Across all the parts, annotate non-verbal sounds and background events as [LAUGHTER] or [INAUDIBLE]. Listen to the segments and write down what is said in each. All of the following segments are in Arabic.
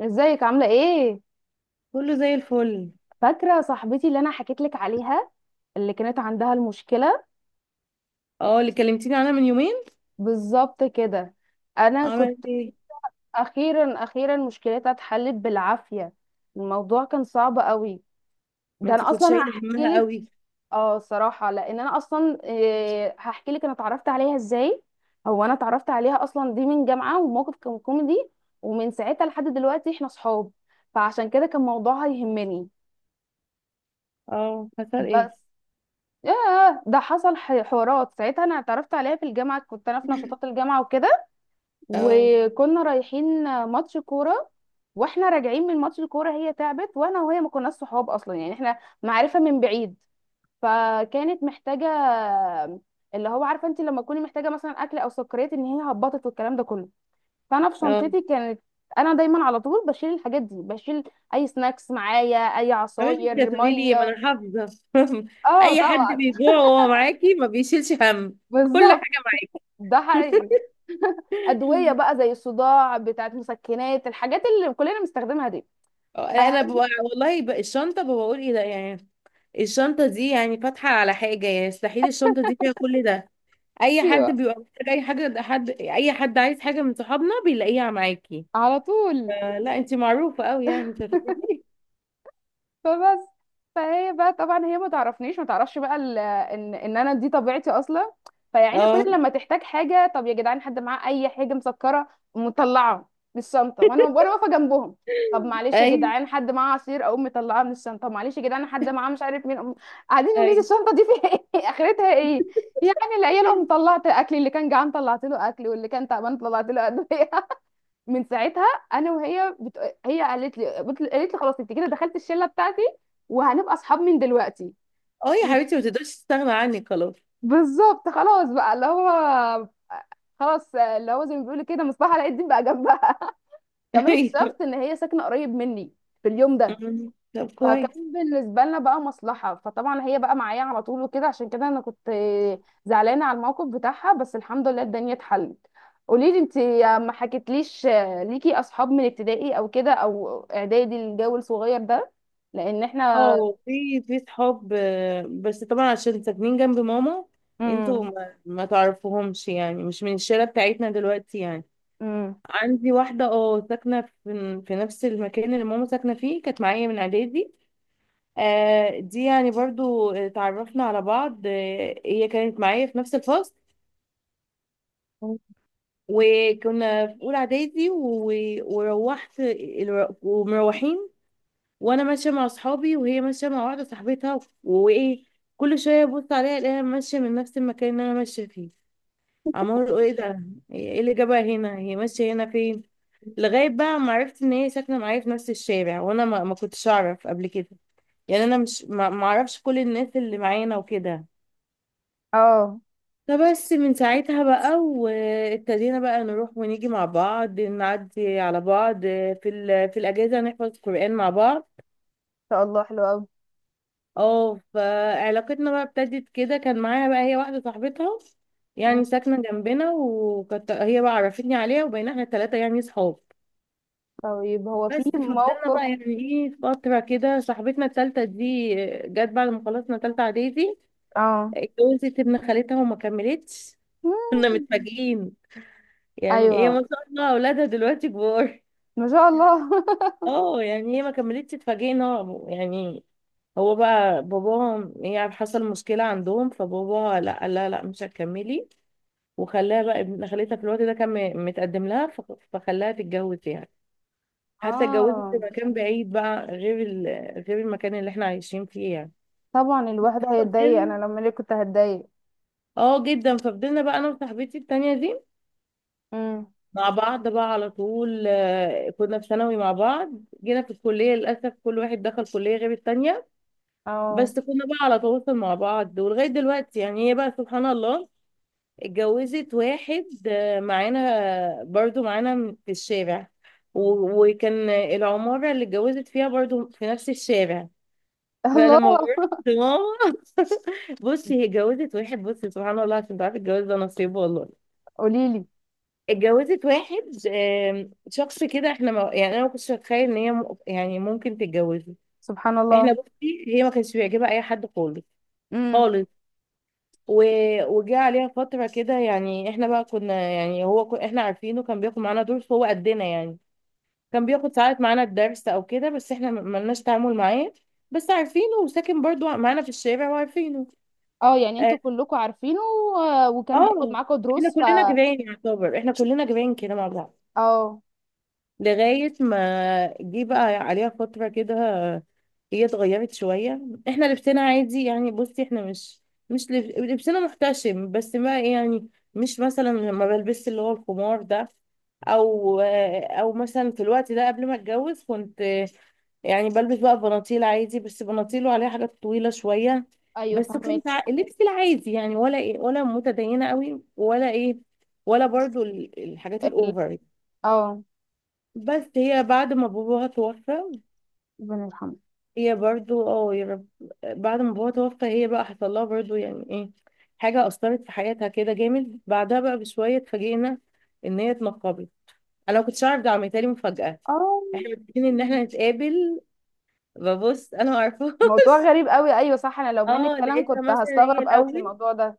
ازيك عاملة ايه؟ كله زي الفل. فاكرة صاحبتي اللي انا حكيت لك عليها، اللي كانت عندها المشكلة. اه، اللي كلمتيني عنها من يومين. بالظبط كده. انا كنت... عملت ايه؟ اخيرا اخيرا مشكلتها اتحلت بالعافية. الموضوع كان صعب قوي. ما ده انتي انا كنت اصلا شايله هحكي همها لك. قوي. اه، صراحة لان انا اصلا إيه هحكي لك انا اتعرفت عليها ازاي. هو انا اتعرفت عليها اصلا دي من جامعة، وموقف كان كوميدي، ومن ساعتها لحد دلوقتي احنا صحاب، فعشان كده كان موضوعها يهمني. اه، حصل بس ايه؟ ياه، ده حصل حوارات. ساعتها انا اتعرفت عليها في الجامعه، كنت انا في نشاطات [LAUGHS] الجامعه وكده. اه. وكنا رايحين ماتش كوره، واحنا راجعين من ماتش الكوره هي تعبت. وانا وهي ما كناش صحاب اصلا، يعني احنا معرفه من بعيد. فكانت محتاجه اللي هو عارفه انت لما تكوني محتاجه مثلا اكل او سكريات، ان هي هبطت والكلام ده كله. فانا في اه. شنطتي كانت... انا دايما على طول بشيل الحاجات دي، بشيل اي سناكس معايا، اي عملت انت عصاير، هتقولي لي، ما ميه. انا حافظه. [LAUGHS] اه اي حد طبعا. بيجوع وهو معاكي ما بيشيلش هم. كل بالظبط. حاجه ده معاكي. حقيقي. ادويه بقى زي الصداع، بتاعت مسكنات، الحاجات اللي كلنا بنستخدمها دي. [LAUGHS] اه، انا ببقى والله بقى الشنطه، ببقى بقول ايه ده يعني. الشنطه دي يعني فاتحه على حاجه، يعني مستحيل الشنطه دي فيها كل ده. اي حد ايوه، بيبقى محتاج اي حاجه، ده حد اي حد عايز حاجه من صحابنا بيلاقيها معاكي. على طول. آه، لا انت معروفة قوي، يعني انت هتبتدي. فبس. فهي بقى طبعا هي ما تعرفنيش، ما تعرفش بقى ان انا دي طبيعتي اصلا. فيعني اه. كل لما تحتاج حاجه: طب يا جدعان حد معاه اي حاجه مسكره؟ مطلعه من الشنطه وانا واقفه جنبهم. طب [LAUGHS] معلش يا ايوه. جدعان حد معاه عصير؟ اقوم مطلعاه من الشنطه. طب معلش يا جدعان حد معاه مش عارف مين؟ قاعدين يقولوا لي ايوه. الشنطه دي فيها ايه [LAUGHS] اخرتها ايه؟ يعني العيال، قوم طلعت اكل، اللي كان جعان طلعت له اكل، واللي كان تعبان طلعت له ادويه. من ساعتها، انا وهي بت... هي قالت لي بت... قالت لي خلاص انت كده دخلت الشله بتاعتي، وهنبقى اصحاب من دلوقتي. اه يا و- حبيبتي، ما تقدرش تستغنى عني خلاص. بالظبط، خلاص بقى اللي هو... خلاص اللي هو زي ما بيقولوا كده، مصباح علاء الدين بقى جنبها. [LAUGHS] [LAUGHS] كمان اكتشفت ايوه. ان هي ساكنه قريب مني في اليوم ده. أمم. طب كويس. فكان بالنسبه لنا بقى مصلحه، فطبعا هي بقى معايا على طول وكده. عشان كده انا كنت زعلانه على الموقف بتاعها، بس الحمد لله الدنيا اتحلت. قولي لي انت، ما حكيتليش ليكي اصحاب من ابتدائي او كده او اعدادي، الجو الصغير ده؟ لان احنا... اه، في صحاب آه، بس طبعا عشان ساكنين جنب ماما. انتوا امم ما تعرفوهمش، يعني مش من الشارع بتاعتنا دلوقتي يعني. امم عندي واحدة اه ساكنة في نفس المكان اللي ماما ساكنة فيه، كانت معايا من اعدادي. آه دي يعني برضو اتعرفنا على بعض، آه هي كانت معايا في نفس الفصل. وكنا في اولى اعدادي. وروحت ومروحين، وانا ماشيه مع اصحابي وهي ماشيه مع واحده صاحبتها، وايه، كل شويه ابص عليها الاقيها ماشيه من نفس المكان اللي انا ماشيه فيه. عمال اقول ايه ده؟ ايه اللي جابها هنا؟ هي ماشيه هنا فين؟ لغايه بقى ما عرفت ان هي ساكنه معايا في نفس الشارع، وانا ما كنتش اعرف قبل كده. يعني انا مش ما اعرفش كل الناس اللي معانا وكده. اه، ان فبس من ساعتها بقى، وابتدينا بقى نروح ونيجي مع بعض، نعدي على بعض. في الاجازه نحفظ قرآن مع بعض. شاء الله حلو قوي. اه، فعلاقتنا بقى ابتدت كده، كان معاها بقى هي واحده صاحبتها، أمم. يعني ساكنه جنبنا، وكانت هي بقى عرفتني عليها، وبقينا احنا الثلاثه يعني صحاب. طيب، هو في بس فضلنا موقف... بقى يعني ايه فتره كده، صاحبتنا الثالثه دي جت بعد ما خلصنا ثالثه اعدادي، اه. اتجوزت ابن خالتها وما كملتش. كنا مم. متفاجئين، يعني هي ما ايوه، شاء الله اولادها دلوقتي كبار. ما شاء الله. [LAUGHS] اه يعني هي ما كملتش، اتفاجئنا يعني. هو بقى باباها يعني حصل مشكلة عندهم، فباباها لا، قال لها لا مش هتكملي، وخلاها بقى ابن خالتها في الوقت ده كان متقدم لها، فخلاها تتجوز يعني. حتى اتجوزت في اه مكان بعيد بقى غير غير المكان اللي احنا عايشين فيه يعني. طبعا، الواحد هيتضايق، ففضلنا. انا لما ليه كنت هتضايق. اه جدا، ففضلنا بقى انا وصاحبتي التانية دي امم. مع بعض بقى على طول، آه، كنا في ثانوي مع بعض. جينا في الكلية للأسف كل واحد دخل كلية غير التانية. بس اه. كنا بقى على تواصل مع بعض ولغاية دلوقتي، يعني هي بقى سبحان الله اتجوزت واحد آه، معانا برضو معانا في الشارع. و- وكان العمارة اللي اتجوزت فيها برضو في نفس الشارع. فلما الله. بروح لماما، [LAUGHS] بصي هي اتجوزت واحد، بصي سبحان الله، عشان تعرفي الجواز ده نصيب والله. قولي لي. اتجوزت واحد، شخص كده احنا ما يعني، انا ما كنتش اتخيل ان هي يعني ممكن تتجوزه. سبحان الله. احنا بصي هي ما كانش بيعجبها اي حد خالص، امم. خالص. و... وجه عليها فتره كده، يعني احنا بقى كنا يعني هو احنا عارفينه كان بياخد معانا دروس هو قدنا يعني، كان بياخد ساعات معانا الدرس او كده، بس احنا ما لناش تعامل معاه. بس عارفينه، وساكن برضو معانا في الشارع وعارفينه. اه، يعني اه، انتوا كلكم عارفينه، وكان بياخد آه، معاكم احنا دروس ف... كلنا جيران يعتبر، احنا كلنا جيران كده مع بعض. اه. لغاية ما جه بقى عليها فترة كده، هي اتغيرت شوية. احنا لبسنا عادي يعني، بصي احنا مش، مش لبسنا محتشم، بس ما يعني مش مثلا ما بلبس اللي هو الخمار ده، او مثلا في الوقت ده قبل ما اتجوز كنت يعني بلبس بقى بناطيل عادي، بس بناطيل وعليها حاجات طويلة شوية. ايوه بس كنت فهمك. لبسي العادي يعني، ولا ايه، ولا متدينة قوي ولا ايه، ولا برضو الحاجات ال... الاوفر. اه. بس هي بعد ما باباها توفى، ربنا يرحمه. هي برضو اه يا رب. بعد ما باباها توفى، هي بقى حصل لها برضو يعني ايه، حاجة أثرت في حياتها كده جامد، بعدها بقى بشوية اتفاجئنا إن هي اتنقبت. أنا ما كنتش أعرف، ده عملتها لي مفاجأة. اه، احنا متفقين إن احنا نتقابل، ببص أنا ما أعرفهاش. موضوع [LAUGHS] غريب قوي. ايوه صح، انا لو منك اه، فعلا لقيتها كنت مثلا هي هستغرب قوي الأول، الموضوع ده.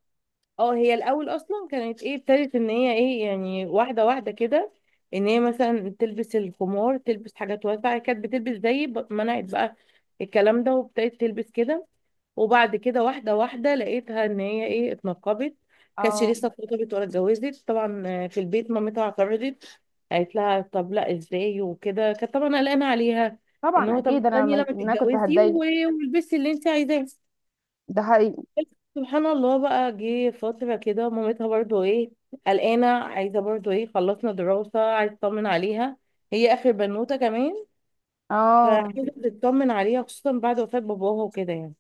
اه هي الاول اصلا كانت ايه، ابتدت ان هي ايه يعني واحده واحده كده، ان هي مثلا تلبس الخمار، تلبس حاجات واسعه، هي كانت بتلبس زي منعت بقى الكلام ده، وابتدت تلبس كده. وبعد كده واحده واحده، لقيتها ان هي ايه اتنقبت. كانتش اه لسه اتخطبت ولا اتجوزت طبعا، آه، في البيت مامتها اعترضت، قالت لها طب لا ازاي وكده، كانت طبعا قلقانه عليها، ان طبعا، هو طب اكيد انا استني ما لما انا كنت تتجوزي هتضايق. و- والبسي اللي انت عايزاه. ده حقيقي. سبحان الله، بقى جه فترة كده مامتها برضو ايه، قلقانة عايزة برضو ايه، خلصنا دراسة عايزة تطمن عليها، هي آخر بنوتة كمان، اه. فعايزة تطمن عليها خصوصا بعد وفاة باباها وكده يعني.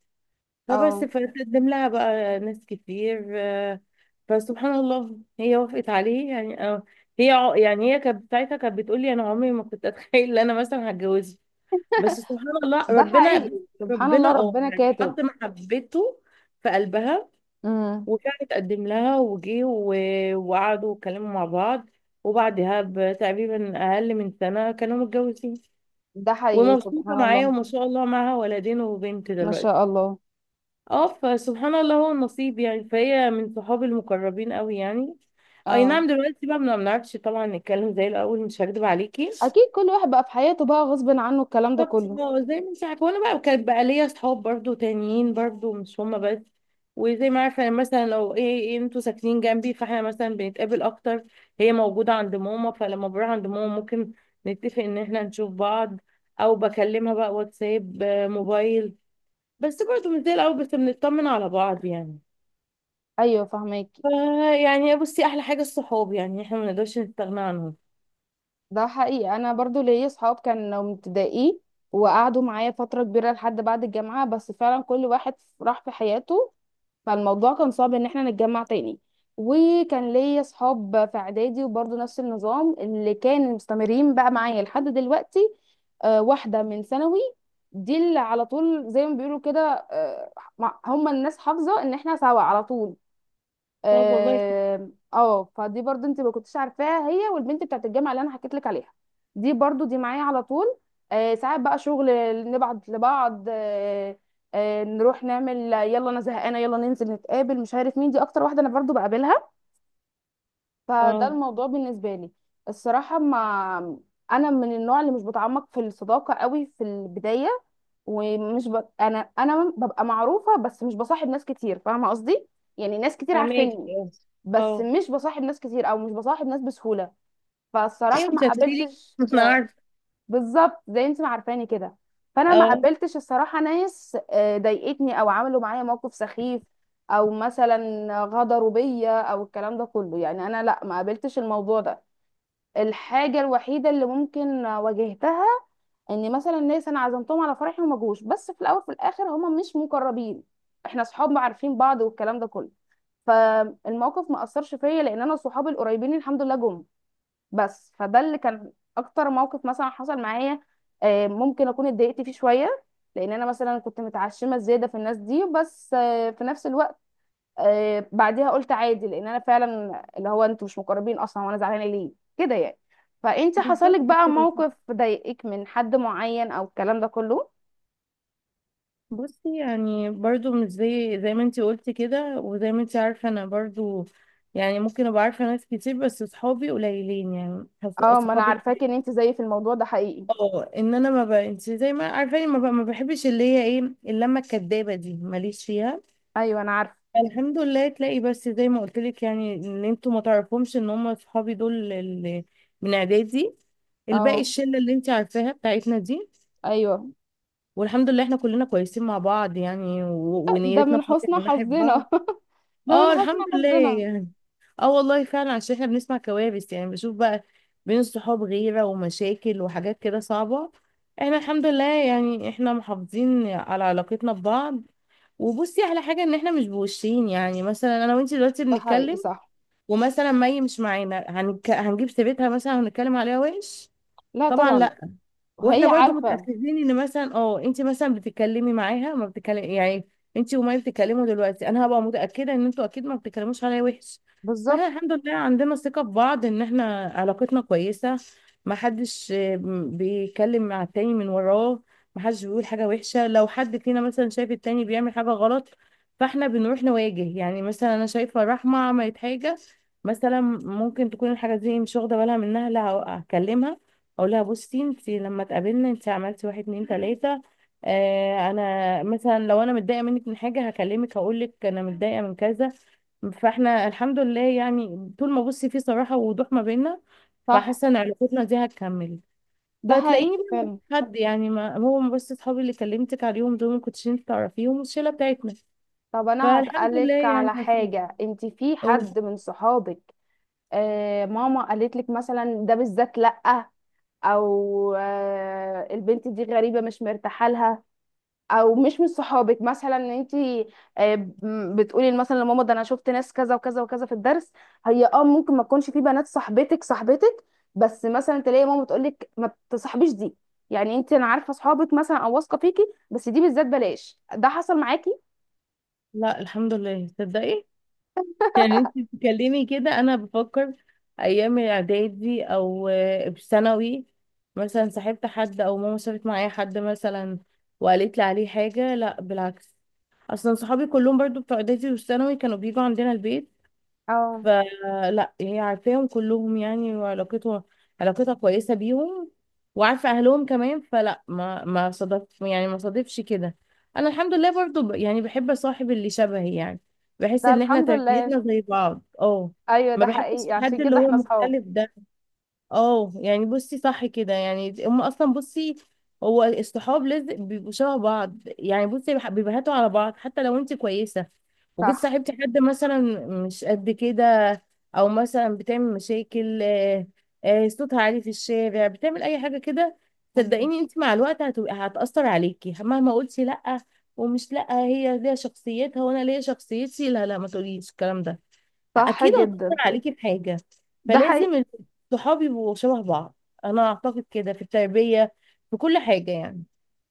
فبس اه، فتقدم لها بقى ناس كتير آه، فسبحان الله هي وافقت عليه يعني آه. هي يعني هي كانت ساعتها كانت بتقول لي انا عمري ما كنت اتخيل ان انا مثلا هتجوزه، بس سبحان الله ده ربنا. حقيقي. سبحان ربنا الله اه ربنا يعني كاتب. حط محبته في قلبها. امم. وفعلا اتقدم لها وجي و- وقعدوا واتكلموا مع بعض، وبعدها بتقريبا أقل من سنة كانوا متجوزين، ده حقيقي، ومبسوطة سبحان معاه، الله. وما شاء الله معاها ولدين وبنت ما دلوقتي. شاء الله. اه فسبحان الله هو النصيب يعني، فهي من صحابي المقربين قوي يعني. اي اه، نعم، دلوقتي بقى ما بنعرفش طبعا نتكلم زي الاول، مش هكدب عليكي. اكيد كل واحد بقى في حياته بقى غصب عنه الكلام ده بالظبط، كله. اه زي ما انت عارفه، وانا بقى وكان بقى ليا اصحاب برضو تانيين برضو مش هما بس، وزي ما عارفه، يعني مثلا لو ايه انتوا ساكنين جنبي، فاحنا مثلا بنتقابل اكتر. هي موجوده عند ماما، فلما بروح عند ماما ممكن نتفق ان احنا نشوف بعض، او بكلمها بقى واتساب آه، موبايل. بس برضو مش زي الاول، بس بنطمن على بعض يعني. ايوه فهماكي. فا يعني بصي، احلى حاجه الصحاب، يعني احنا ما نقدرش نستغنى عنهم. ده حقيقي، انا برضو ليا صحاب كانوا من ابتدائي وقعدوا معايا فتره كبيره لحد بعد الجامعه، بس فعلا كل واحد راح في حياته. فالموضوع كان صعب ان احنا نتجمع تاني. وكان ليا صحاب في اعدادي وبرضو نفس النظام اللي كانوا مستمرين بقى معايا لحد دلوقتي. آه، واحده من ثانوي دي اللي على طول زي ما بيقولوا كده. آه، هم الناس حافظه ان احنا سوا على طول. طب والله. اه. آه، فدي برضو انت ما كنتش عارفاها، هي والبنت بتاعت الجامعه اللي انا حكيت لك عليها. دي برضو دي معايا على طول. آه، ساعات بقى شغل نبعت لبعض. آه. آه، نروح نعمل، يلا انا زهقانه يلا ننزل نتقابل مش عارف مين، دي اكتر واحده انا برضو بقابلها. فده اه، الموضوع بالنسبه لي. الصراحه، ما... انا من النوع اللي مش بتعمق في الصداقه قوي في البدايه. ومش ب... انا انا ببقى معروفه بس مش بصاحب ناس كتير، فاهمه قصدي. يعني ناس كتير فهماك عارفيني، اه. بس أه. مش بصاحب ناس كتير او مش بصاحب ناس بسهوله. ايوه فالصراحه ما انت هتقولي لي. قابلتش... [LAUGHS] مش عارفه. بالظبط زي انت ما عارفاني كده. فانا ما اه قابلتش الصراحه ناس آه، ضايقتني او عملوا معايا موقف سخيف، او مثلا غدروا بيا او الكلام ده كله. يعني انا لا، ما قابلتش الموضوع ده. الحاجه الوحيده اللي ممكن واجهتها، ان مثلا ناس انا عزمتهم على فرحي وما جوش، بس في الاول في الاخر هما مش مقربين، احنا اصحاب عارفين بعض والكلام ده كله. فالموقف ما اثرش فيا لان انا صحابي القريبين الحمد لله جم. بس فده اللي كان اكتر موقف مثلا حصل معايا. آه، ممكن اكون اتضايقت فيه شويه، لان انا مثلا كنت متعشمه زياده في الناس دي، بس آه، في نفس الوقت آه، بعدها قلت عادي لان انا فعلا اللي هو انتوا مش مقربين اصلا، وانا زعلانه ليه كده يعني. فانت حصل لك بالظبط بقى كده صح. موقف ضايقك من حد معين او الكلام ده كله؟ بصي، يعني برضو مش زي ما انتي قلتي كده، وزي ما انتي عارفة انا برضو، يعني ممكن ابقى عارفة ناس كتير، بس صحابي قليلين، يعني اه. ما انا صحابي. عارفاك ان انت زيي في الموضوع ده، حقيقي. اه ان انا ما ب... انتي زي ما عارفاني، ما بحبش اللي هي ايه اللمة الكدابة دي، ماليش فيها. ايوه انا عارفه. الحمد لله تلاقي بس زي ما قلت لك، يعني ان انتوا ما تعرفهمش ان هم صحابي دول اللي من اعدادي، الباقي اه. الشلة اللي انتي عارفاها بتاعتنا دي. ايوه، والحمد لله احنا كلنا كويسين مع بعض، يعني ده ونيتنا من صافية حسن من ناحية بعض. حظنا. [LAUGHS] ده من اه حسن الحمد لله حظنا. يعني. اه والله فعلا، عشان احنا بنسمع كوارث، يعني بشوف بقى بين الصحاب غيرة ومشاكل وحاجات كده صعبة. احنا الحمد لله يعني، احنا محافظين على علاقتنا ببعض، وبصي على حاجة، ان احنا مش بوشين، يعني مثلا انا وانتي دلوقتي ده حقيقي بنتكلم صح. ومثلا مي مش معانا هنجيب سيرتها مثلا هنتكلم عليها وحش؟ لا طبعا طبعا. لا. واحنا وهي برضو عارفة. متاكدين، ان مثلا اه انت مثلا بتتكلمي معاها ما بتتكلم يعني انت، وما بتتكلموا دلوقتي، انا هبقى متاكده ان انتوا اكيد ما بتتكلموش عليا وحش. بالظبط. فاحنا الحمد لله عندنا ثقه في بعض، ان احنا علاقتنا كويسه. ما حدش آه، بيتكلم مع التاني من وراه. ما حدش بيقول حاجه وحشه، لو حد فينا مثلا شايف التاني بيعمل حاجه غلط، فاحنا بنروح نواجه يعني، مثلا انا شايفه رحمه عملت حاجه، مثلا ممكن تكون الحاجه دي مش واخده بالها منها، لا، هكلمها، اقول لها بصي، انت لما اتقابلنا انت عملتي واحد اتنين تلاته. آه انا مثلا لو انا متضايقه منك من حاجه هكلمك، هقول لك انا متضايقه من كذا. فاحنا الحمد لله يعني، طول ما بصي في صراحه ووضوح ما بيننا، صح. فحاسه ان علاقتنا دي هتكمل. ده حقيقي فتلاقيني بقى فعلا. مش حد يعني، ما هو بس اصحابي اللي كلمتك عليهم دول ما كنتش انت تعرفيهم والشله بتاعتنا، طب انا فالحمد لله هسألك يعني على ما فيش. حاجة، انت في حد أوه. من صحابك آه ماما قالت لك مثلا ده بالذات لأ، او آه البنت دي غريبة مش مرتاحة لها، او مش من صحابك مثلا ان انت بتقولي مثلا لماما ده انا شفت ناس كذا وكذا وكذا في الدرس، هي اه ممكن ما تكونش في بنات صاحبتك صاحبتك، بس مثلا تلاقي ماما تقول لك ما تصاحبيش دي؟ يعني انت انا عارفه صحابك مثلا او واثقه فيكي بس دي بالذات بلاش. ده حصل معاكي؟ لا الحمد لله تصدقي، يعني انت بتتكلمي كده انا بفكر ايام الاعدادي او آه، في ثانوي مثلا صاحبت حد، او ماما شافت معايا حد مثلا وقالت لي عليه حاجه، لا بالعكس. اصلا صحابي كلهم برضو بتوع اعدادي وثانوي كانوا بيجوا عندنا البيت، اه، فلا هي عارفاهم كلهم يعني، وعلاقتها كويسة بيهم، وعارفة أهلهم كمان، فلا ما صادف، يعني ما صادفش كده. أنا الحمد لله برضو يعني بحب أصاحب اللي شبهي يعني، بحس ده إن إحنا الحمد لله. تربيتنا زي بعض اه. ايوه ما ده بحبش حقيقي، عشان الحد اللي كده هو احنا اصحاب. مختلف ده. اه يعني بصي صح كده، يعني هم اصلا بصي، هو الصحاب لازم بيبقوا شبه بعض، يعني بصي بيبهتوا على بعض، حتى لو انت كويسه وجيت صح. صاحبتي حد مثلا مش قد كده، او مثلا بتعمل مشاكل آه، آه، صوتها عالي في الشارع بتعمل اي حاجه كده، مم. صدقيني انت مع الوقت هتبقى هتاثر عليكي مهما قلتي لا، ومش لا هي ليها شخصيتها وانا ليا شخصيتي لا لا، ما تقوليش الكلام ده، صح اكيد هتأثر جدا. عليكي بحاجة. ده حقيقي. فلازم الصحاب يبقوا شبه بعض، انا اعتقد كده في التربية في كل حاجة يعني.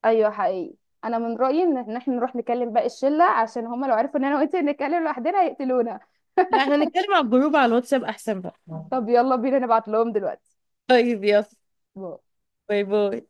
ايوه حقيقي. انا من رايي ان احنا نروح نكلم باقي الشله، عشان هما لو عرفوا ان انا وانت نتكلم لوحدنا هيقتلونا. لا احنا نتكلم على الجروب على الواتساب احسن بقى. طب يلا بينا نبعت لهم دلوقتي. طيب يلا. باي. باي باي.